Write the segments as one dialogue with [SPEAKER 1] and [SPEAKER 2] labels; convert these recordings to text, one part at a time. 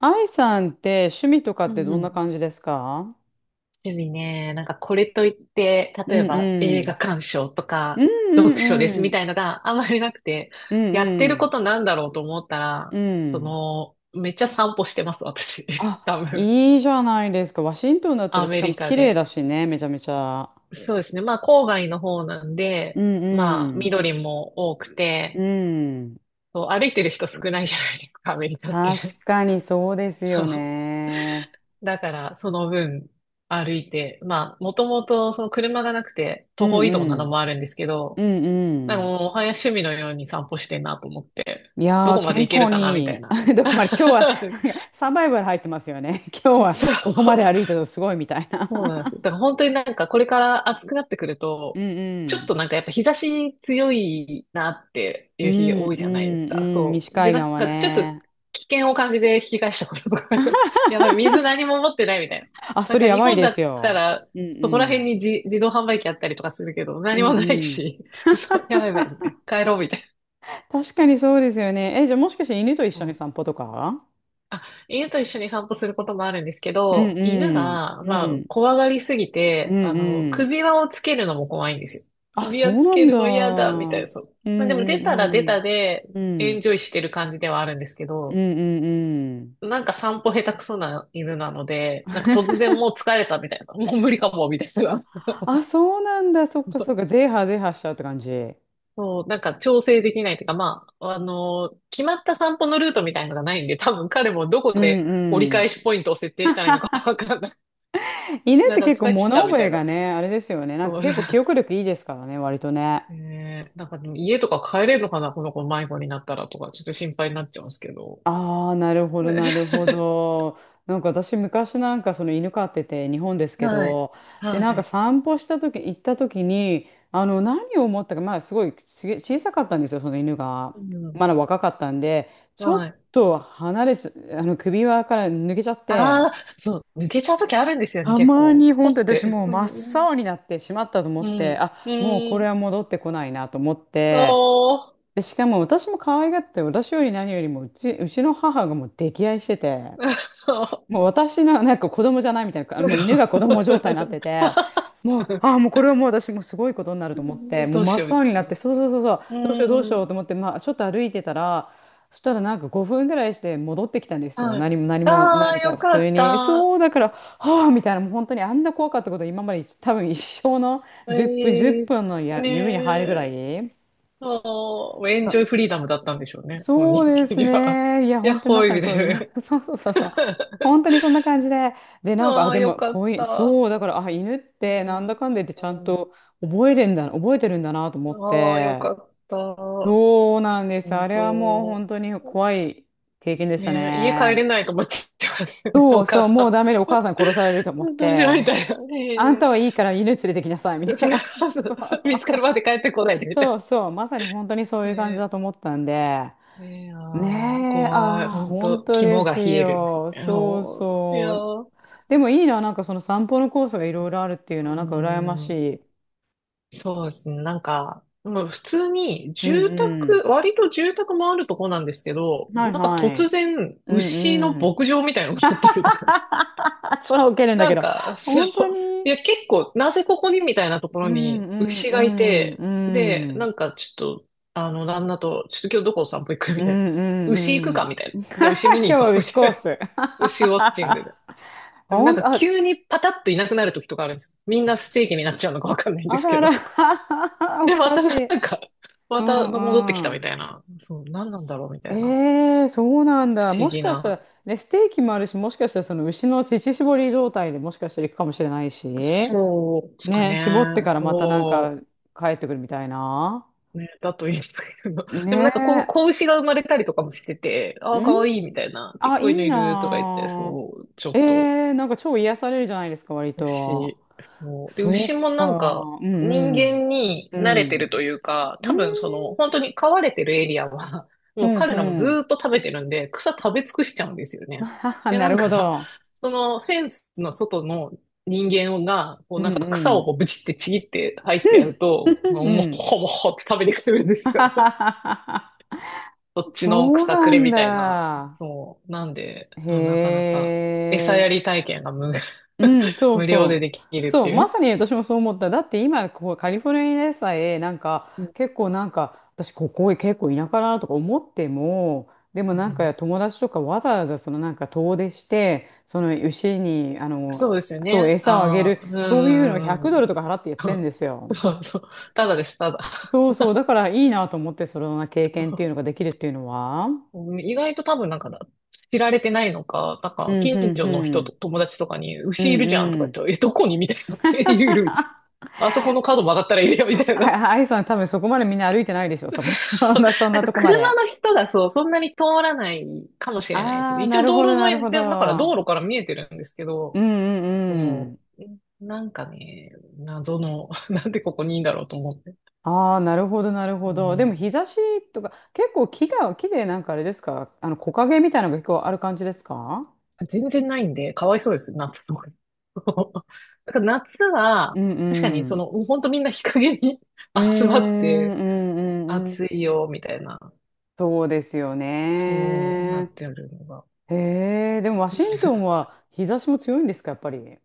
[SPEAKER 1] 愛さんって趣味とかっ
[SPEAKER 2] う
[SPEAKER 1] て
[SPEAKER 2] ん
[SPEAKER 1] ど
[SPEAKER 2] う
[SPEAKER 1] んな
[SPEAKER 2] ん。
[SPEAKER 1] 感じですか？
[SPEAKER 2] 趣味ね。なんかこれといって、
[SPEAKER 1] う
[SPEAKER 2] 例え
[SPEAKER 1] ん
[SPEAKER 2] ば映
[SPEAKER 1] う
[SPEAKER 2] 画
[SPEAKER 1] ん。
[SPEAKER 2] 鑑賞と
[SPEAKER 1] う
[SPEAKER 2] か
[SPEAKER 1] んう
[SPEAKER 2] 読書です
[SPEAKER 1] んう
[SPEAKER 2] み
[SPEAKER 1] ん。
[SPEAKER 2] たいのがあまりなくて、
[SPEAKER 1] うん
[SPEAKER 2] やって
[SPEAKER 1] う
[SPEAKER 2] るこ
[SPEAKER 1] ん。
[SPEAKER 2] となんだろうと思ったら、
[SPEAKER 1] う
[SPEAKER 2] そ
[SPEAKER 1] ん。
[SPEAKER 2] の、めっちゃ散歩してます、私。多
[SPEAKER 1] あ、
[SPEAKER 2] 分。
[SPEAKER 1] いいじゃないですか。ワシントンだったら
[SPEAKER 2] ア
[SPEAKER 1] し
[SPEAKER 2] メ
[SPEAKER 1] かも
[SPEAKER 2] リカ
[SPEAKER 1] 綺麗
[SPEAKER 2] で。
[SPEAKER 1] だしね、めちゃめちゃ。
[SPEAKER 2] そうですね。まあ郊外の方なん
[SPEAKER 1] う
[SPEAKER 2] で、
[SPEAKER 1] ん
[SPEAKER 2] まあ
[SPEAKER 1] うん。
[SPEAKER 2] 緑も多く
[SPEAKER 1] う
[SPEAKER 2] て、
[SPEAKER 1] ん。
[SPEAKER 2] そう、歩いてる人少ないじゃないですか、アメリカって。
[SPEAKER 1] 確かにそうで す
[SPEAKER 2] そ
[SPEAKER 1] よ
[SPEAKER 2] う。
[SPEAKER 1] ね。
[SPEAKER 2] だからその分、歩いて、まあ、もともとその車がなくて
[SPEAKER 1] う
[SPEAKER 2] 徒歩
[SPEAKER 1] ん
[SPEAKER 2] 移動
[SPEAKER 1] う
[SPEAKER 2] なの
[SPEAKER 1] ん。
[SPEAKER 2] もあるんですけ
[SPEAKER 1] う
[SPEAKER 2] ど、
[SPEAKER 1] ん
[SPEAKER 2] なんか
[SPEAKER 1] うん。
[SPEAKER 2] もう、おはや趣味のように散歩してんなと思って、
[SPEAKER 1] い
[SPEAKER 2] ど
[SPEAKER 1] やー、
[SPEAKER 2] こまで
[SPEAKER 1] 健
[SPEAKER 2] 行ける
[SPEAKER 1] 康
[SPEAKER 2] かな、みたい
[SPEAKER 1] に
[SPEAKER 2] な。
[SPEAKER 1] いい。どこまで、今 日はなんかサバイバル入ってますよね。今日は
[SPEAKER 2] そ
[SPEAKER 1] ここま
[SPEAKER 2] う、
[SPEAKER 1] で歩いたとすごいみたいな。
[SPEAKER 2] そうなんですよ。だから本当になんかこれから暑くなってくる
[SPEAKER 1] う
[SPEAKER 2] と、
[SPEAKER 1] んう
[SPEAKER 2] ちょっ
[SPEAKER 1] ん。
[SPEAKER 2] となんかやっぱ日差し強いなって
[SPEAKER 1] う
[SPEAKER 2] いう日
[SPEAKER 1] ん
[SPEAKER 2] 多い
[SPEAKER 1] う
[SPEAKER 2] じゃないです
[SPEAKER 1] ん
[SPEAKER 2] か。
[SPEAKER 1] うん、
[SPEAKER 2] そ
[SPEAKER 1] 西
[SPEAKER 2] う。で、
[SPEAKER 1] 海
[SPEAKER 2] な
[SPEAKER 1] 岸
[SPEAKER 2] ん
[SPEAKER 1] は
[SPEAKER 2] かちょっと
[SPEAKER 1] ね。
[SPEAKER 2] 危険を感じて引き返したこととかあります。やばい、水何も持ってないみたいな。
[SPEAKER 1] あ、
[SPEAKER 2] な
[SPEAKER 1] そ
[SPEAKER 2] ん
[SPEAKER 1] れ
[SPEAKER 2] か
[SPEAKER 1] や
[SPEAKER 2] 日
[SPEAKER 1] ばい
[SPEAKER 2] 本
[SPEAKER 1] で
[SPEAKER 2] だっ
[SPEAKER 1] す
[SPEAKER 2] た
[SPEAKER 1] よ。
[SPEAKER 2] ら、
[SPEAKER 1] うん
[SPEAKER 2] そこら
[SPEAKER 1] う
[SPEAKER 2] 辺
[SPEAKER 1] ん。
[SPEAKER 2] に自動販売機あったりとかするけど、
[SPEAKER 1] う
[SPEAKER 2] 何も
[SPEAKER 1] ん
[SPEAKER 2] ない
[SPEAKER 1] うん。
[SPEAKER 2] し、そう、やばいやばい、みたいな。帰ろうみたい
[SPEAKER 1] 確かにそうですよね。え、じゃあもしかして犬と一緒に
[SPEAKER 2] な。
[SPEAKER 1] 散歩とか？
[SPEAKER 2] あ、犬と一緒に散歩することもあるんですけ
[SPEAKER 1] うん
[SPEAKER 2] ど、犬
[SPEAKER 1] うん
[SPEAKER 2] が、
[SPEAKER 1] う
[SPEAKER 2] まあ、
[SPEAKER 1] ん
[SPEAKER 2] 怖がりすぎ
[SPEAKER 1] う
[SPEAKER 2] て、あ
[SPEAKER 1] ん
[SPEAKER 2] の、
[SPEAKER 1] うん。
[SPEAKER 2] 首輪をつけるのも怖いんですよ。
[SPEAKER 1] あ、
[SPEAKER 2] 首
[SPEAKER 1] そ
[SPEAKER 2] 輪
[SPEAKER 1] う
[SPEAKER 2] つ
[SPEAKER 1] な
[SPEAKER 2] け
[SPEAKER 1] ん
[SPEAKER 2] る
[SPEAKER 1] だ。う
[SPEAKER 2] の嫌だ、みたい
[SPEAKER 1] ん
[SPEAKER 2] な、そう。
[SPEAKER 1] う
[SPEAKER 2] まあ、でも出たら出
[SPEAKER 1] んう
[SPEAKER 2] た
[SPEAKER 1] ん。
[SPEAKER 2] で、
[SPEAKER 1] う
[SPEAKER 2] エン
[SPEAKER 1] ん
[SPEAKER 2] ジョイしてる感じではあるんですけ
[SPEAKER 1] うん
[SPEAKER 2] ど、
[SPEAKER 1] うんうん。
[SPEAKER 2] なんか散歩下手くそな犬なので、なんか突然もう疲れたみたいな、もう無理かも、みたいな。
[SPEAKER 1] あ、そうなんだ。そっかそっか。ゼーハーゼーハーしちゃうって感じ？う
[SPEAKER 2] そう、なんか調整できないというか、まあ、あの、決まった散歩のルートみたいのがないんで、多分彼もどこ
[SPEAKER 1] ん
[SPEAKER 2] で折り
[SPEAKER 1] うん。
[SPEAKER 2] 返しポイントを設定したらいいのかわかんない
[SPEAKER 1] 犬っ
[SPEAKER 2] なん
[SPEAKER 1] て
[SPEAKER 2] か
[SPEAKER 1] 結
[SPEAKER 2] 疲
[SPEAKER 1] 構
[SPEAKER 2] れ切っ
[SPEAKER 1] 物
[SPEAKER 2] たみ
[SPEAKER 1] 覚
[SPEAKER 2] た
[SPEAKER 1] え
[SPEAKER 2] いな。
[SPEAKER 1] がね、あれですよね。なんか
[SPEAKER 2] そう。
[SPEAKER 1] 結構記憶 力いいですからね、割とね。
[SPEAKER 2] ねえなんかでも家とか帰れるのかなこの子迷子になったらとか、ちょっと心配になっちゃうんですけど。
[SPEAKER 1] ああ、なるほど、
[SPEAKER 2] ね。
[SPEAKER 1] なるほ ど。なんか私、昔なんかその犬飼ってて、日本ですけ
[SPEAKER 2] はい。
[SPEAKER 1] ど、で、
[SPEAKER 2] は
[SPEAKER 1] なんか
[SPEAKER 2] い。
[SPEAKER 1] 散歩した時、行った時に、何を思ったか、まあ、すごい小さかったんですよ、その犬が。
[SPEAKER 2] うん。
[SPEAKER 1] まだ若かったんで、ちょっ
[SPEAKER 2] はい。
[SPEAKER 1] と離れちゃ、首輪から抜けちゃっ
[SPEAKER 2] あ
[SPEAKER 1] て、
[SPEAKER 2] あ、そう。抜けちゃうときあるんですよね、
[SPEAKER 1] た
[SPEAKER 2] 結
[SPEAKER 1] ま
[SPEAKER 2] 構。
[SPEAKER 1] に
[SPEAKER 2] スポっ
[SPEAKER 1] 本当私
[SPEAKER 2] て。
[SPEAKER 1] もう真っ青になってしまったと思
[SPEAKER 2] う
[SPEAKER 1] って、
[SPEAKER 2] ん。う
[SPEAKER 1] あ、もう
[SPEAKER 2] ん。
[SPEAKER 1] こ
[SPEAKER 2] う
[SPEAKER 1] れ
[SPEAKER 2] ん。
[SPEAKER 1] は戻ってこないなと思って、
[SPEAKER 2] おー。
[SPEAKER 1] で、しかも私も可愛がって、私より何よりもうち、うちの母がもう溺愛してて、
[SPEAKER 2] そう。
[SPEAKER 1] もう私のなんか子供じゃないみたいな、もう犬が子 供状態になってて、もう、ああ、もうこれはもう私もうすごいことになると思って、もう
[SPEAKER 2] どう
[SPEAKER 1] 真
[SPEAKER 2] しようみ
[SPEAKER 1] っ青に
[SPEAKER 2] た
[SPEAKER 1] な
[SPEAKER 2] い
[SPEAKER 1] って、
[SPEAKER 2] な。
[SPEAKER 1] そうそうそうそう、どうしようどう
[SPEAKER 2] う
[SPEAKER 1] しよ
[SPEAKER 2] ん。
[SPEAKER 1] うと思って、まあ、ちょっと歩いてたら、そしたらなんか5分ぐらいして戻ってきたんですよ。
[SPEAKER 2] はい。
[SPEAKER 1] 何も何も
[SPEAKER 2] ああ、
[SPEAKER 1] 何か
[SPEAKER 2] よ
[SPEAKER 1] 普
[SPEAKER 2] か
[SPEAKER 1] 通
[SPEAKER 2] っ
[SPEAKER 1] に。
[SPEAKER 2] た。
[SPEAKER 1] そう、だから、はあ、みたいな、もう本当にあんな怖かったこと今まで多分一生の10分、10
[SPEAKER 2] ええ。
[SPEAKER 1] 分のや
[SPEAKER 2] ね
[SPEAKER 1] 指に入るぐら
[SPEAKER 2] え。
[SPEAKER 1] い。
[SPEAKER 2] ああ、エンジョイフリーダムだったんでしょうね、本
[SPEAKER 1] そう
[SPEAKER 2] 人
[SPEAKER 1] で
[SPEAKER 2] 的
[SPEAKER 1] す
[SPEAKER 2] には。
[SPEAKER 1] ね。いや、
[SPEAKER 2] やっ
[SPEAKER 1] 本当に
[SPEAKER 2] ほ
[SPEAKER 1] ま
[SPEAKER 2] ーい
[SPEAKER 1] さ
[SPEAKER 2] み
[SPEAKER 1] に
[SPEAKER 2] たい
[SPEAKER 1] 通り
[SPEAKER 2] な。
[SPEAKER 1] だ。そうそうそうそう。本当にそんな感じで。で、なんか、あ、
[SPEAKER 2] ああ、
[SPEAKER 1] で
[SPEAKER 2] よ
[SPEAKER 1] も、
[SPEAKER 2] か
[SPEAKER 1] こ
[SPEAKER 2] っ
[SPEAKER 1] ういう、
[SPEAKER 2] た。
[SPEAKER 1] そう、だから、あ、犬っ
[SPEAKER 2] う
[SPEAKER 1] て、なん
[SPEAKER 2] ん、
[SPEAKER 1] だかんだ言って、ちゃん
[SPEAKER 2] うん。
[SPEAKER 1] と覚えてるんだなと思っ
[SPEAKER 2] ああ、よ
[SPEAKER 1] て。
[SPEAKER 2] かった。
[SPEAKER 1] そうなんです。
[SPEAKER 2] 本
[SPEAKER 1] あれ
[SPEAKER 2] 当。
[SPEAKER 1] はもう本当に怖い経験でした
[SPEAKER 2] ねえ、家帰れ
[SPEAKER 1] ね。
[SPEAKER 2] ないと思っちゃいますね、
[SPEAKER 1] そ
[SPEAKER 2] お
[SPEAKER 1] うそう、
[SPEAKER 2] 母
[SPEAKER 1] もう
[SPEAKER 2] さ
[SPEAKER 1] ダメでお母さん殺されると思っ
[SPEAKER 2] ん。どうしよう
[SPEAKER 1] て、
[SPEAKER 2] みたい な。
[SPEAKER 1] あんた
[SPEAKER 2] ね
[SPEAKER 1] はいいから犬連れてきなさい、み
[SPEAKER 2] え、
[SPEAKER 1] た
[SPEAKER 2] そ
[SPEAKER 1] い
[SPEAKER 2] れ
[SPEAKER 1] な。
[SPEAKER 2] は。
[SPEAKER 1] そうそう
[SPEAKER 2] 見つか
[SPEAKER 1] そう、
[SPEAKER 2] るまで帰ってこないでみたい
[SPEAKER 1] そ
[SPEAKER 2] な。
[SPEAKER 1] うそうまさに本当にそういう感じだ
[SPEAKER 2] ね
[SPEAKER 1] と思ったんで。
[SPEAKER 2] え、ねえ、ああ、
[SPEAKER 1] ねえ、
[SPEAKER 2] 怖い。
[SPEAKER 1] ああ、
[SPEAKER 2] 本
[SPEAKER 1] 本
[SPEAKER 2] 当、
[SPEAKER 1] 当で
[SPEAKER 2] 肝が
[SPEAKER 1] す
[SPEAKER 2] 冷えるです
[SPEAKER 1] よ。
[SPEAKER 2] ね。ああ。
[SPEAKER 1] そう
[SPEAKER 2] いや
[SPEAKER 1] そう。
[SPEAKER 2] ー。
[SPEAKER 1] でもいいな、なんかその散歩のコースがいろいろあるっていう
[SPEAKER 2] う
[SPEAKER 1] のは、なんか羨ま
[SPEAKER 2] ー
[SPEAKER 1] し
[SPEAKER 2] ん、
[SPEAKER 1] い。
[SPEAKER 2] そうですね。なんか、もう普通に
[SPEAKER 1] う
[SPEAKER 2] 住
[SPEAKER 1] んう
[SPEAKER 2] 宅、割と住宅もあるとこなんですけど、
[SPEAKER 1] ん。はい
[SPEAKER 2] なんか
[SPEAKER 1] は
[SPEAKER 2] 突
[SPEAKER 1] い。
[SPEAKER 2] 然
[SPEAKER 1] う
[SPEAKER 2] 牛の
[SPEAKER 1] んうん。
[SPEAKER 2] 牧場みたいなのがあったりとかです。
[SPEAKER 1] それは受けるんだ
[SPEAKER 2] な
[SPEAKER 1] け
[SPEAKER 2] ん
[SPEAKER 1] ど。
[SPEAKER 2] か、そう、
[SPEAKER 1] 本当に。
[SPEAKER 2] いや結構、なぜここにみたいなとこ
[SPEAKER 1] う
[SPEAKER 2] ろ
[SPEAKER 1] ん
[SPEAKER 2] に牛
[SPEAKER 1] う
[SPEAKER 2] がい
[SPEAKER 1] ん
[SPEAKER 2] て、
[SPEAKER 1] う
[SPEAKER 2] で、
[SPEAKER 1] んう
[SPEAKER 2] な
[SPEAKER 1] ん。
[SPEAKER 2] んかちょっと、あの、旦那と、ちょっと今日どこお散歩行くみ
[SPEAKER 1] うん
[SPEAKER 2] たいな。牛行く
[SPEAKER 1] う
[SPEAKER 2] か
[SPEAKER 1] ん
[SPEAKER 2] みたいな。
[SPEAKER 1] うん。
[SPEAKER 2] じゃあ牛見
[SPEAKER 1] 今日
[SPEAKER 2] に行
[SPEAKER 1] は
[SPEAKER 2] こうみ
[SPEAKER 1] 牛
[SPEAKER 2] た
[SPEAKER 1] コ
[SPEAKER 2] い
[SPEAKER 1] ー
[SPEAKER 2] な。
[SPEAKER 1] ス。
[SPEAKER 2] 牛ウォッチングで。でもなん
[SPEAKER 1] 本
[SPEAKER 2] か
[SPEAKER 1] 当、あ、
[SPEAKER 2] 急にパタッといなくなる時とかあるんです。みんなステーキになっちゃうのかわかんないんで
[SPEAKER 1] あ
[SPEAKER 2] す
[SPEAKER 1] ら
[SPEAKER 2] け
[SPEAKER 1] あ
[SPEAKER 2] ど。
[SPEAKER 1] ら。お
[SPEAKER 2] で、ま
[SPEAKER 1] か
[SPEAKER 2] た
[SPEAKER 1] し
[SPEAKER 2] な
[SPEAKER 1] い。
[SPEAKER 2] んか、
[SPEAKER 1] う
[SPEAKER 2] また戻ってき
[SPEAKER 1] ん
[SPEAKER 2] た
[SPEAKER 1] う
[SPEAKER 2] み
[SPEAKER 1] ん。
[SPEAKER 2] たいな。そう、何なんだろうみた
[SPEAKER 1] え
[SPEAKER 2] いな。
[SPEAKER 1] えそうなん
[SPEAKER 2] 不
[SPEAKER 1] だ。
[SPEAKER 2] 思
[SPEAKER 1] もし
[SPEAKER 2] 議
[SPEAKER 1] かしたら、
[SPEAKER 2] な。
[SPEAKER 1] ね、ステーキもあるし、もしかしたらその牛の乳搾り状態でもしかしたら行くかもしれないし、
[SPEAKER 2] そうですか
[SPEAKER 1] ね、絞って
[SPEAKER 2] ね。
[SPEAKER 1] からまたなんか
[SPEAKER 2] そ
[SPEAKER 1] 帰ってくるみたいな。
[SPEAKER 2] う。ね、だといいんだけど。でもなんかこう、
[SPEAKER 1] ね
[SPEAKER 2] 子牛が生まれたりとかもしてて、あ
[SPEAKER 1] え。
[SPEAKER 2] あ、
[SPEAKER 1] うん、
[SPEAKER 2] かわいいみたいな。ちっ
[SPEAKER 1] あ、い
[SPEAKER 2] こいの
[SPEAKER 1] い
[SPEAKER 2] いるとか言
[SPEAKER 1] な
[SPEAKER 2] って、
[SPEAKER 1] あ。
[SPEAKER 2] そう、ちょ
[SPEAKER 1] え
[SPEAKER 2] っと
[SPEAKER 1] えなんか超癒されるじゃないですか、割と。
[SPEAKER 2] 牛。そう。で、牛
[SPEAKER 1] そ
[SPEAKER 2] も
[SPEAKER 1] っか。
[SPEAKER 2] なんか、
[SPEAKER 1] うん
[SPEAKER 2] 人
[SPEAKER 1] うん。
[SPEAKER 2] 間に
[SPEAKER 1] う
[SPEAKER 2] 慣れてる
[SPEAKER 1] ん。
[SPEAKER 2] というか、
[SPEAKER 1] う
[SPEAKER 2] 多分そ
[SPEAKER 1] ん、
[SPEAKER 2] の、本当に飼われてるエリアは、
[SPEAKER 1] う
[SPEAKER 2] もう
[SPEAKER 1] ん、
[SPEAKER 2] 彼
[SPEAKER 1] う
[SPEAKER 2] らもず
[SPEAKER 1] ん。
[SPEAKER 2] ーっと食べてるんで、草食べ尽くしちゃうんですよ
[SPEAKER 1] あ
[SPEAKER 2] ね。
[SPEAKER 1] はは
[SPEAKER 2] で、
[SPEAKER 1] な
[SPEAKER 2] な
[SPEAKER 1] る
[SPEAKER 2] ん
[SPEAKER 1] ほ
[SPEAKER 2] か、
[SPEAKER 1] ど。
[SPEAKER 2] そのフェンスの外の人間が、こ
[SPEAKER 1] う
[SPEAKER 2] うなん
[SPEAKER 1] ん
[SPEAKER 2] か
[SPEAKER 1] う
[SPEAKER 2] 草を
[SPEAKER 1] ん。
[SPEAKER 2] こうブチってちぎって入ってやる
[SPEAKER 1] うん。
[SPEAKER 2] と、もうも
[SPEAKER 1] うん。
[SPEAKER 2] ほもほって食べてくるんで
[SPEAKER 1] は
[SPEAKER 2] す
[SPEAKER 1] はは
[SPEAKER 2] よ。
[SPEAKER 1] はは
[SPEAKER 2] そっちの
[SPEAKER 1] そう
[SPEAKER 2] 草く
[SPEAKER 1] な
[SPEAKER 2] れ
[SPEAKER 1] ん
[SPEAKER 2] みたいな。
[SPEAKER 1] だ。
[SPEAKER 2] そう。なんで、なかな
[SPEAKER 1] へ
[SPEAKER 2] か餌や
[SPEAKER 1] え。
[SPEAKER 2] り体験が
[SPEAKER 1] うん、そう
[SPEAKER 2] 無料で
[SPEAKER 1] そ
[SPEAKER 2] でき
[SPEAKER 1] う。
[SPEAKER 2] るっ
[SPEAKER 1] そ
[SPEAKER 2] て
[SPEAKER 1] う、
[SPEAKER 2] い
[SPEAKER 1] ま
[SPEAKER 2] う。
[SPEAKER 1] さに私もそう思った。だって今、ここカリフォルニアでさえ、なんか、
[SPEAKER 2] うん
[SPEAKER 1] 結構なんか、私ここ結構田舎だなとか思っても、でもな
[SPEAKER 2] う
[SPEAKER 1] んか
[SPEAKER 2] ん。
[SPEAKER 1] 友達とかわざわざそのなんか遠出して、その牛に、
[SPEAKER 2] そうですよ
[SPEAKER 1] そう、
[SPEAKER 2] ね。
[SPEAKER 1] 餌をあげ
[SPEAKER 2] あ
[SPEAKER 1] る、
[SPEAKER 2] あ、うんう
[SPEAKER 1] そういうのを
[SPEAKER 2] んうん
[SPEAKER 1] 100
[SPEAKER 2] う
[SPEAKER 1] ドル
[SPEAKER 2] ん。
[SPEAKER 1] とか払ってやってんです よ。
[SPEAKER 2] そう。ただです、ただ。
[SPEAKER 1] そうそう、だからいいなと思って、そのような経験っていうのができるっていうのは。
[SPEAKER 2] うん。意外と多分なんかだ、知られてないのか、なん
[SPEAKER 1] う
[SPEAKER 2] か
[SPEAKER 1] ん、う
[SPEAKER 2] 近
[SPEAKER 1] ん、
[SPEAKER 2] 所の
[SPEAKER 1] う
[SPEAKER 2] 人と
[SPEAKER 1] ん。
[SPEAKER 2] 友達とかに、
[SPEAKER 1] う
[SPEAKER 2] 牛い
[SPEAKER 1] ん、
[SPEAKER 2] るじゃんと
[SPEAKER 1] う
[SPEAKER 2] か
[SPEAKER 1] ん。
[SPEAKER 2] 言って、え、どこにみたいな。え、いるみたいな。あそこの角曲がったらいるよみたいな。
[SPEAKER 1] あアイいさん多分そこまでみんな歩いてないでしょ、そこ。そんなそん
[SPEAKER 2] なん
[SPEAKER 1] な
[SPEAKER 2] か
[SPEAKER 1] とこま
[SPEAKER 2] 車
[SPEAKER 1] で。
[SPEAKER 2] の人がそう、そんなに通らないかもしれないです
[SPEAKER 1] あ
[SPEAKER 2] ね。
[SPEAKER 1] あ、
[SPEAKER 2] 一
[SPEAKER 1] な
[SPEAKER 2] 応
[SPEAKER 1] る
[SPEAKER 2] 道
[SPEAKER 1] ほど、
[SPEAKER 2] 路
[SPEAKER 1] なる
[SPEAKER 2] 沿い
[SPEAKER 1] ほ
[SPEAKER 2] で、だから道
[SPEAKER 1] ど。
[SPEAKER 2] 路から見えてるんですけ
[SPEAKER 1] う
[SPEAKER 2] ど、
[SPEAKER 1] んう
[SPEAKER 2] そ
[SPEAKER 1] んう
[SPEAKER 2] の、
[SPEAKER 1] ん。
[SPEAKER 2] なんかね、謎の、なんでここにいいんだろうと思って。
[SPEAKER 1] ああ、なるほど、なる
[SPEAKER 2] う
[SPEAKER 1] ほど。で
[SPEAKER 2] ん、
[SPEAKER 1] も日差しとか、結構木が、木でなんかあれですか、あの木陰みたいなのが結構ある感じですか？
[SPEAKER 2] 全然ないんで、かわいそうです、夏とか。だから夏は、
[SPEAKER 1] うん
[SPEAKER 2] 確かに、
[SPEAKER 1] う
[SPEAKER 2] そ
[SPEAKER 1] ん。
[SPEAKER 2] の、本当みんな日陰に。
[SPEAKER 1] うーん、
[SPEAKER 2] 集まっ
[SPEAKER 1] う
[SPEAKER 2] て、
[SPEAKER 1] んうんうん。
[SPEAKER 2] 暑いよ、みたいな、
[SPEAKER 1] そうですよ
[SPEAKER 2] そうな
[SPEAKER 1] ね。
[SPEAKER 2] ってるのが。
[SPEAKER 1] へえ、でもワシントンは日差しも強いんですか、やっぱり。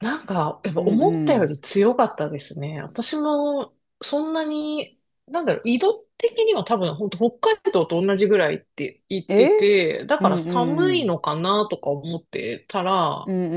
[SPEAKER 2] なんか、やっぱ
[SPEAKER 1] うん
[SPEAKER 2] 思った
[SPEAKER 1] う
[SPEAKER 2] よ
[SPEAKER 1] ん。
[SPEAKER 2] り強かったですね。私も、そんなに、なんだろう、緯度的には多分、本当北海道と同じぐらいって言って
[SPEAKER 1] え
[SPEAKER 2] て、だ
[SPEAKER 1] う
[SPEAKER 2] か
[SPEAKER 1] ん
[SPEAKER 2] ら寒
[SPEAKER 1] う
[SPEAKER 2] い
[SPEAKER 1] ん。
[SPEAKER 2] のかなとか思ってた
[SPEAKER 1] う
[SPEAKER 2] ら、
[SPEAKER 1] ん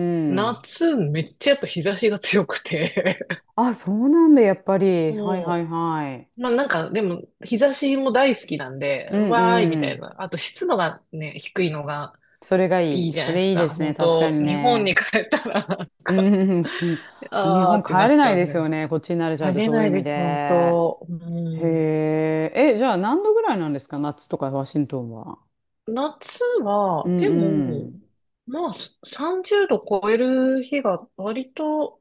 [SPEAKER 1] うん。
[SPEAKER 2] 夏めっちゃやっぱ日差しが強くて。
[SPEAKER 1] あ、そうなんだ、やっぱり。はいはい
[SPEAKER 2] そ
[SPEAKER 1] はい。
[SPEAKER 2] う。まあなんか、でも、日差しも大好きなんで、
[SPEAKER 1] う
[SPEAKER 2] う
[SPEAKER 1] ん
[SPEAKER 2] わーいみ
[SPEAKER 1] う
[SPEAKER 2] たい
[SPEAKER 1] ん。
[SPEAKER 2] な。あと湿度がね、低いのが
[SPEAKER 1] それがい
[SPEAKER 2] いい
[SPEAKER 1] い。
[SPEAKER 2] じゃな
[SPEAKER 1] そ
[SPEAKER 2] いで
[SPEAKER 1] れ
[SPEAKER 2] す
[SPEAKER 1] いいで
[SPEAKER 2] か。
[SPEAKER 1] すね。
[SPEAKER 2] 本
[SPEAKER 1] 確か
[SPEAKER 2] 当
[SPEAKER 1] に
[SPEAKER 2] 日本に
[SPEAKER 1] ね。
[SPEAKER 2] 帰ったら、なん
[SPEAKER 1] う
[SPEAKER 2] か、
[SPEAKER 1] んうん、日
[SPEAKER 2] あ
[SPEAKER 1] 本
[SPEAKER 2] ーってな
[SPEAKER 1] 帰れ
[SPEAKER 2] っち
[SPEAKER 1] ない
[SPEAKER 2] ゃう
[SPEAKER 1] です
[SPEAKER 2] ね。
[SPEAKER 1] よね。こっちに慣れちゃう
[SPEAKER 2] 帰
[SPEAKER 1] と、
[SPEAKER 2] れ
[SPEAKER 1] そう
[SPEAKER 2] な
[SPEAKER 1] いう
[SPEAKER 2] い
[SPEAKER 1] 意
[SPEAKER 2] で
[SPEAKER 1] 味
[SPEAKER 2] す、本
[SPEAKER 1] で。
[SPEAKER 2] 当。うん。
[SPEAKER 1] へえ。え、じゃあ何度ぐらいなんですか夏とかワシントンは？
[SPEAKER 2] 夏
[SPEAKER 1] う
[SPEAKER 2] は、
[SPEAKER 1] ん
[SPEAKER 2] で
[SPEAKER 1] う
[SPEAKER 2] も、
[SPEAKER 1] ん。
[SPEAKER 2] まあ、30度超える日が割と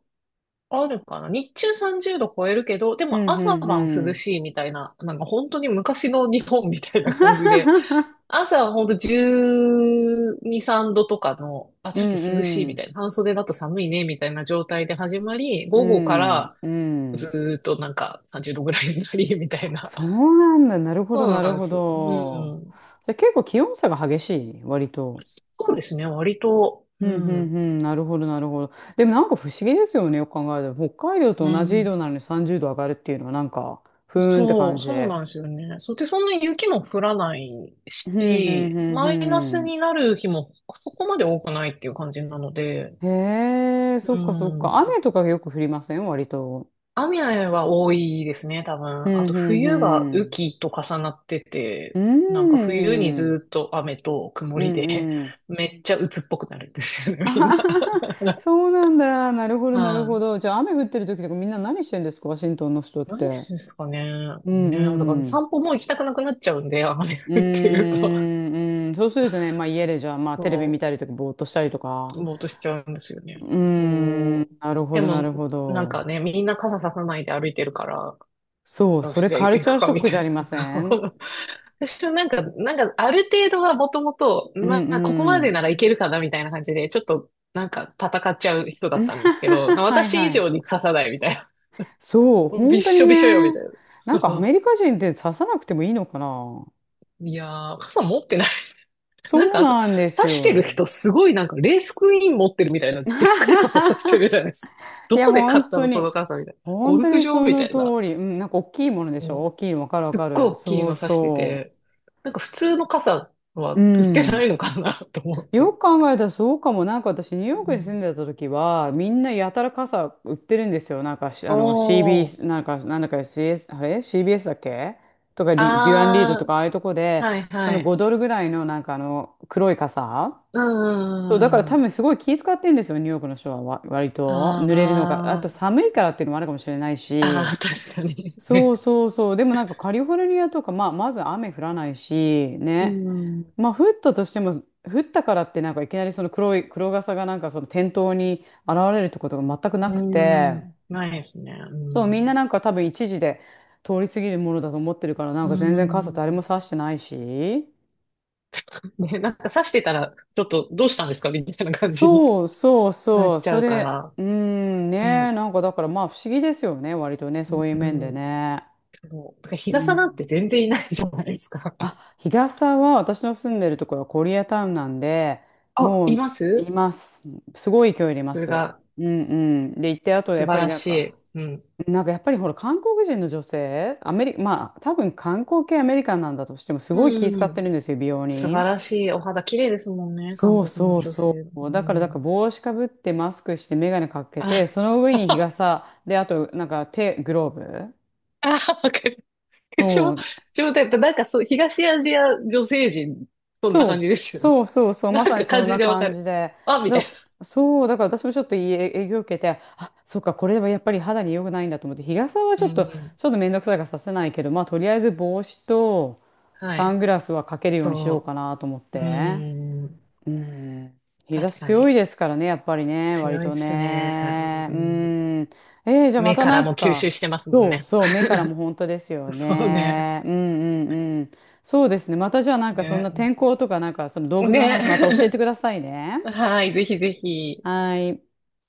[SPEAKER 2] あるかな。日中30度超えるけど、で
[SPEAKER 1] う
[SPEAKER 2] も
[SPEAKER 1] んう
[SPEAKER 2] 朝
[SPEAKER 1] ん
[SPEAKER 2] 晩
[SPEAKER 1] う
[SPEAKER 2] 涼
[SPEAKER 1] ん。
[SPEAKER 2] しいみたいな、なんか本当に昔の日本みたいな感じで、朝はほんと12、3度とかの、あ、
[SPEAKER 1] う
[SPEAKER 2] ちょっと
[SPEAKER 1] ん
[SPEAKER 2] 涼しい
[SPEAKER 1] う
[SPEAKER 2] みた
[SPEAKER 1] ん。
[SPEAKER 2] いな、半袖だと寒いねみたいな状態で始まり、
[SPEAKER 1] う
[SPEAKER 2] 午後か
[SPEAKER 1] ん
[SPEAKER 2] ら
[SPEAKER 1] う
[SPEAKER 2] ず
[SPEAKER 1] ん。
[SPEAKER 2] ーっとなんか30度ぐらいになり、みたいな。
[SPEAKER 1] そ うなんだ。なるほ
[SPEAKER 2] そ
[SPEAKER 1] ど、
[SPEAKER 2] う
[SPEAKER 1] なる
[SPEAKER 2] なんで
[SPEAKER 1] ほ
[SPEAKER 2] す。う
[SPEAKER 1] ど。
[SPEAKER 2] ん。
[SPEAKER 1] じゃあ結構気温差が激しい、割と。
[SPEAKER 2] そうですね、割と。
[SPEAKER 1] うんう
[SPEAKER 2] うん。
[SPEAKER 1] んうん、なるほど、なるほど。でもなんか不思議ですよね、よく考えたら。北海道
[SPEAKER 2] う
[SPEAKER 1] と同じ緯度
[SPEAKER 2] ん。
[SPEAKER 1] なのに30度上がるっていうのはなんか、ふーんって
[SPEAKER 2] そ
[SPEAKER 1] 感
[SPEAKER 2] う、
[SPEAKER 1] じ
[SPEAKER 2] そう
[SPEAKER 1] で。
[SPEAKER 2] なんですよね。そうで、そんなに雪も降らない
[SPEAKER 1] ふんふん
[SPEAKER 2] し、
[SPEAKER 1] ふ
[SPEAKER 2] マイナス
[SPEAKER 1] んふ
[SPEAKER 2] になる日もそこまで多くないっていう感じなので、
[SPEAKER 1] ん。へえ、そ
[SPEAKER 2] う
[SPEAKER 1] っかそっか。
[SPEAKER 2] ん。
[SPEAKER 1] 雨とかよく降りません割と？
[SPEAKER 2] 雨は多いですね、多
[SPEAKER 1] ふ
[SPEAKER 2] 分。あ
[SPEAKER 1] ん
[SPEAKER 2] と
[SPEAKER 1] ふんふ
[SPEAKER 2] 冬が雨
[SPEAKER 1] ん。
[SPEAKER 2] 季と重なって
[SPEAKER 1] う
[SPEAKER 2] て、なんか
[SPEAKER 1] ー
[SPEAKER 2] 冬に
[SPEAKER 1] ん。
[SPEAKER 2] ずっと雨と曇
[SPEAKER 1] う
[SPEAKER 2] り
[SPEAKER 1] ん
[SPEAKER 2] で、
[SPEAKER 1] うん。
[SPEAKER 2] めっちゃ鬱っぽくなるんですよね、
[SPEAKER 1] あ
[SPEAKER 2] みん
[SPEAKER 1] は
[SPEAKER 2] な。
[SPEAKER 1] はは そうなんだ。なるほど、なる
[SPEAKER 2] は
[SPEAKER 1] ほ
[SPEAKER 2] い。
[SPEAKER 1] ど。じゃあ雨降ってる時とかみんな何してんですかワシントンの人っ
[SPEAKER 2] 何で
[SPEAKER 1] て？
[SPEAKER 2] すかね。
[SPEAKER 1] う
[SPEAKER 2] ね、だから
[SPEAKER 1] んうん。
[SPEAKER 2] 散歩も行きたくなくなっちゃうんで、雨
[SPEAKER 1] うー
[SPEAKER 2] 降ってると。
[SPEAKER 1] ん、うん、そうするとね、まあ家でじゃあ、まあテレビ見
[SPEAKER 2] そ
[SPEAKER 1] たりとか、ぼーっとしたりとか。
[SPEAKER 2] う、ぼーっとしちゃうんですよ
[SPEAKER 1] う
[SPEAKER 2] ね。
[SPEAKER 1] ー
[SPEAKER 2] そう。
[SPEAKER 1] ん、なるほ
[SPEAKER 2] で
[SPEAKER 1] ど、な
[SPEAKER 2] も、
[SPEAKER 1] るほ
[SPEAKER 2] なん
[SPEAKER 1] ど。
[SPEAKER 2] かね、みんな傘ささないで歩いてるから、
[SPEAKER 1] そ う、
[SPEAKER 2] よ
[SPEAKER 1] そ
[SPEAKER 2] し、
[SPEAKER 1] れ
[SPEAKER 2] じゃあ
[SPEAKER 1] カル
[SPEAKER 2] 行
[SPEAKER 1] チャ
[SPEAKER 2] く
[SPEAKER 1] ーシ
[SPEAKER 2] か、
[SPEAKER 1] ョッ
[SPEAKER 2] み
[SPEAKER 1] ク
[SPEAKER 2] た
[SPEAKER 1] じゃあ
[SPEAKER 2] い
[SPEAKER 1] りま
[SPEAKER 2] な。
[SPEAKER 1] せん？
[SPEAKER 2] 私はなんか、なんか、ある程度はもともと、
[SPEAKER 1] うん
[SPEAKER 2] まあ、ここ
[SPEAKER 1] う
[SPEAKER 2] まで
[SPEAKER 1] ん。
[SPEAKER 2] ならいけるかな、みたいな感じで、ちょっと、なんか、戦っちゃう人だったんですけど、
[SPEAKER 1] はい
[SPEAKER 2] 私以
[SPEAKER 1] は
[SPEAKER 2] 上
[SPEAKER 1] い。
[SPEAKER 2] に刺さない、みたいな。
[SPEAKER 1] そう、
[SPEAKER 2] もうびっ
[SPEAKER 1] 本当
[SPEAKER 2] し
[SPEAKER 1] に
[SPEAKER 2] ょびしょよ、み
[SPEAKER 1] ね。
[SPEAKER 2] たい
[SPEAKER 1] なんかア
[SPEAKER 2] な。
[SPEAKER 1] メリカ人って刺さなくてもいいのかな？
[SPEAKER 2] いやー、傘持ってない。なん
[SPEAKER 1] そ
[SPEAKER 2] か、
[SPEAKER 1] う
[SPEAKER 2] あと、
[SPEAKER 1] なんです
[SPEAKER 2] 刺してる
[SPEAKER 1] よ。
[SPEAKER 2] 人、すごいなんか、レースクイーン持ってるみたいな、でっかい 傘刺してるじゃないですか。
[SPEAKER 1] い
[SPEAKER 2] ど
[SPEAKER 1] や、
[SPEAKER 2] こで買っ
[SPEAKER 1] 本
[SPEAKER 2] た
[SPEAKER 1] 当
[SPEAKER 2] の、その
[SPEAKER 1] に。
[SPEAKER 2] 傘、みたいな。ゴ
[SPEAKER 1] 本
[SPEAKER 2] ル
[SPEAKER 1] 当
[SPEAKER 2] フ
[SPEAKER 1] に
[SPEAKER 2] 場
[SPEAKER 1] そ
[SPEAKER 2] みた
[SPEAKER 1] の
[SPEAKER 2] いな。
[SPEAKER 1] 通り。うん、なんか大きいものでしょ、大きいのわかるわ
[SPEAKER 2] す
[SPEAKER 1] か
[SPEAKER 2] っごい
[SPEAKER 1] る。
[SPEAKER 2] 大きい
[SPEAKER 1] そう
[SPEAKER 2] の差して
[SPEAKER 1] そ
[SPEAKER 2] て、なんか普通の傘
[SPEAKER 1] う。う
[SPEAKER 2] は売ってな
[SPEAKER 1] ん。
[SPEAKER 2] いのかな。 と思っ
[SPEAKER 1] よ
[SPEAKER 2] て。
[SPEAKER 1] く考えたらそうかも。なんか私、ニュー
[SPEAKER 2] う
[SPEAKER 1] ヨークに住ん
[SPEAKER 2] ん。
[SPEAKER 1] でた時は、みんなやたら傘売ってるんですよ。なんか
[SPEAKER 2] お
[SPEAKER 1] CB、
[SPEAKER 2] ー、
[SPEAKER 1] なんか、なんだか CS、あれ？ CBS だっけ、とかリ、デュアンリードと
[SPEAKER 2] あー、
[SPEAKER 1] か、ああいうとこで、
[SPEAKER 2] はい
[SPEAKER 1] そ
[SPEAKER 2] は
[SPEAKER 1] の5
[SPEAKER 2] い。
[SPEAKER 1] ドルぐらいの、なんか黒い傘。
[SPEAKER 2] う
[SPEAKER 1] そう、だか
[SPEAKER 2] ん、
[SPEAKER 1] ら
[SPEAKER 2] うんう
[SPEAKER 1] 多
[SPEAKER 2] ん、
[SPEAKER 1] 分すごい気遣ってんですよ、ニューヨークの人は割と。濡れるのが。あ
[SPEAKER 2] あ
[SPEAKER 1] と
[SPEAKER 2] ー、
[SPEAKER 1] 寒いからっていうのもあるかもしれない
[SPEAKER 2] あ
[SPEAKER 1] し。
[SPEAKER 2] ー、確かに。
[SPEAKER 1] そう そうそう。でもなんかカリフォルニアとか、まあ、まず雨降らないし、
[SPEAKER 2] う
[SPEAKER 1] ね。
[SPEAKER 2] ん、
[SPEAKER 1] まあ、降ったとしても、降ったからってなんかいきなりその黒傘がなんかその店頭に現れるってことが全くなく
[SPEAKER 2] う
[SPEAKER 1] て、
[SPEAKER 2] ん、ないですね。う
[SPEAKER 1] そう、みんな
[SPEAKER 2] ん、
[SPEAKER 1] なんか多分一時で通り過ぎるものだと思ってるから、なん
[SPEAKER 2] う
[SPEAKER 1] か全然傘誰も
[SPEAKER 2] ん。
[SPEAKER 1] 差してないし。
[SPEAKER 2] で、なんか刺してたら、ちょっとどうしたんですかみたいな感じに
[SPEAKER 1] そうそう
[SPEAKER 2] な
[SPEAKER 1] そ
[SPEAKER 2] っ
[SPEAKER 1] う。
[SPEAKER 2] ちゃ
[SPEAKER 1] そ
[SPEAKER 2] うか
[SPEAKER 1] れ、
[SPEAKER 2] ら。
[SPEAKER 1] うーん、ね。
[SPEAKER 2] ね、
[SPEAKER 1] なんかだからまあ不思議ですよね。割とね、そういう
[SPEAKER 2] う
[SPEAKER 1] 面で
[SPEAKER 2] ん、
[SPEAKER 1] ね。
[SPEAKER 2] そう。だから日
[SPEAKER 1] う
[SPEAKER 2] 傘なんて
[SPEAKER 1] ん。
[SPEAKER 2] 全然いないじゃないですか。
[SPEAKER 1] あ、日傘は私の住んでるところはコリアタウンなんで、
[SPEAKER 2] あ、
[SPEAKER 1] も
[SPEAKER 2] い
[SPEAKER 1] う
[SPEAKER 2] ま
[SPEAKER 1] い
[SPEAKER 2] す。
[SPEAKER 1] ます。すごい勢いでいま
[SPEAKER 2] それ
[SPEAKER 1] す。
[SPEAKER 2] が
[SPEAKER 1] うんうん。で、行って、あとや
[SPEAKER 2] 素
[SPEAKER 1] っ
[SPEAKER 2] 晴
[SPEAKER 1] ぱり
[SPEAKER 2] ら
[SPEAKER 1] なん
[SPEAKER 2] し
[SPEAKER 1] か、
[SPEAKER 2] い。うん。
[SPEAKER 1] なんかやっぱりほら、韓国人の女性、アメリカ、まあ、多分観光系アメリカンなんだとしても、すごい気
[SPEAKER 2] う
[SPEAKER 1] 遣って
[SPEAKER 2] ん。
[SPEAKER 1] るんですよ、美容
[SPEAKER 2] 素晴
[SPEAKER 1] に。
[SPEAKER 2] らしい。お肌綺麗ですもんね、韓
[SPEAKER 1] そう
[SPEAKER 2] 国の
[SPEAKER 1] そう
[SPEAKER 2] 女
[SPEAKER 1] そ
[SPEAKER 2] 性。
[SPEAKER 1] う。
[SPEAKER 2] う
[SPEAKER 1] だから
[SPEAKER 2] ん。
[SPEAKER 1] 帽子かぶって、マスクして、眼鏡かけ
[SPEAKER 2] あ、
[SPEAKER 1] て、その上 に日
[SPEAKER 2] あ、
[SPEAKER 1] 傘、で、あと、なんか手、グローブ。
[SPEAKER 2] わかる。うちょ、
[SPEAKER 1] そ
[SPEAKER 2] う
[SPEAKER 1] う
[SPEAKER 2] ちょ、だってなんかそう、東アジア女性陣、そんな
[SPEAKER 1] そ
[SPEAKER 2] 感
[SPEAKER 1] う、
[SPEAKER 2] じですよね。
[SPEAKER 1] そうそうそ う、
[SPEAKER 2] な
[SPEAKER 1] ま
[SPEAKER 2] ん
[SPEAKER 1] さに
[SPEAKER 2] か
[SPEAKER 1] そ
[SPEAKER 2] 感
[SPEAKER 1] ん
[SPEAKER 2] じ
[SPEAKER 1] な
[SPEAKER 2] でわか
[SPEAKER 1] 感
[SPEAKER 2] る。
[SPEAKER 1] じで。
[SPEAKER 2] あ、みた
[SPEAKER 1] だ、
[SPEAKER 2] い
[SPEAKER 1] そう、だから私もちょっといい影響を受けて、あ、そっか、これはやっぱり肌に良くないんだと思って、日傘はち
[SPEAKER 2] な。う
[SPEAKER 1] ょっと、
[SPEAKER 2] ん。
[SPEAKER 1] ちょっとめんどくさいからさせないけど、まあ、とりあえず帽子と
[SPEAKER 2] は
[SPEAKER 1] サン
[SPEAKER 2] い。
[SPEAKER 1] グラスはかけるようにしようか
[SPEAKER 2] そ
[SPEAKER 1] なと思っ
[SPEAKER 2] う。う
[SPEAKER 1] て。
[SPEAKER 2] ん。
[SPEAKER 1] うん。日差
[SPEAKER 2] 確
[SPEAKER 1] し
[SPEAKER 2] か
[SPEAKER 1] 強い
[SPEAKER 2] に。
[SPEAKER 1] ですからね、やっぱりね、割
[SPEAKER 2] 強いっ
[SPEAKER 1] と
[SPEAKER 2] すね。
[SPEAKER 1] ね。
[SPEAKER 2] う
[SPEAKER 1] う
[SPEAKER 2] ん。
[SPEAKER 1] ん。じゃあま
[SPEAKER 2] 目
[SPEAKER 1] た
[SPEAKER 2] か
[SPEAKER 1] な
[SPEAKER 2] ら
[SPEAKER 1] ん
[SPEAKER 2] も吸収
[SPEAKER 1] か、
[SPEAKER 2] してますもん
[SPEAKER 1] そう
[SPEAKER 2] ね。
[SPEAKER 1] そう、目からも本当ですよ
[SPEAKER 2] そうね。
[SPEAKER 1] ね。うんうんうん。そうですね。またじゃあなんかそんな
[SPEAKER 2] ね。
[SPEAKER 1] 天候とかなんかその動物の話また教え
[SPEAKER 2] ね。
[SPEAKER 1] てくださいね。
[SPEAKER 2] はい、ぜひぜひ。
[SPEAKER 1] はい。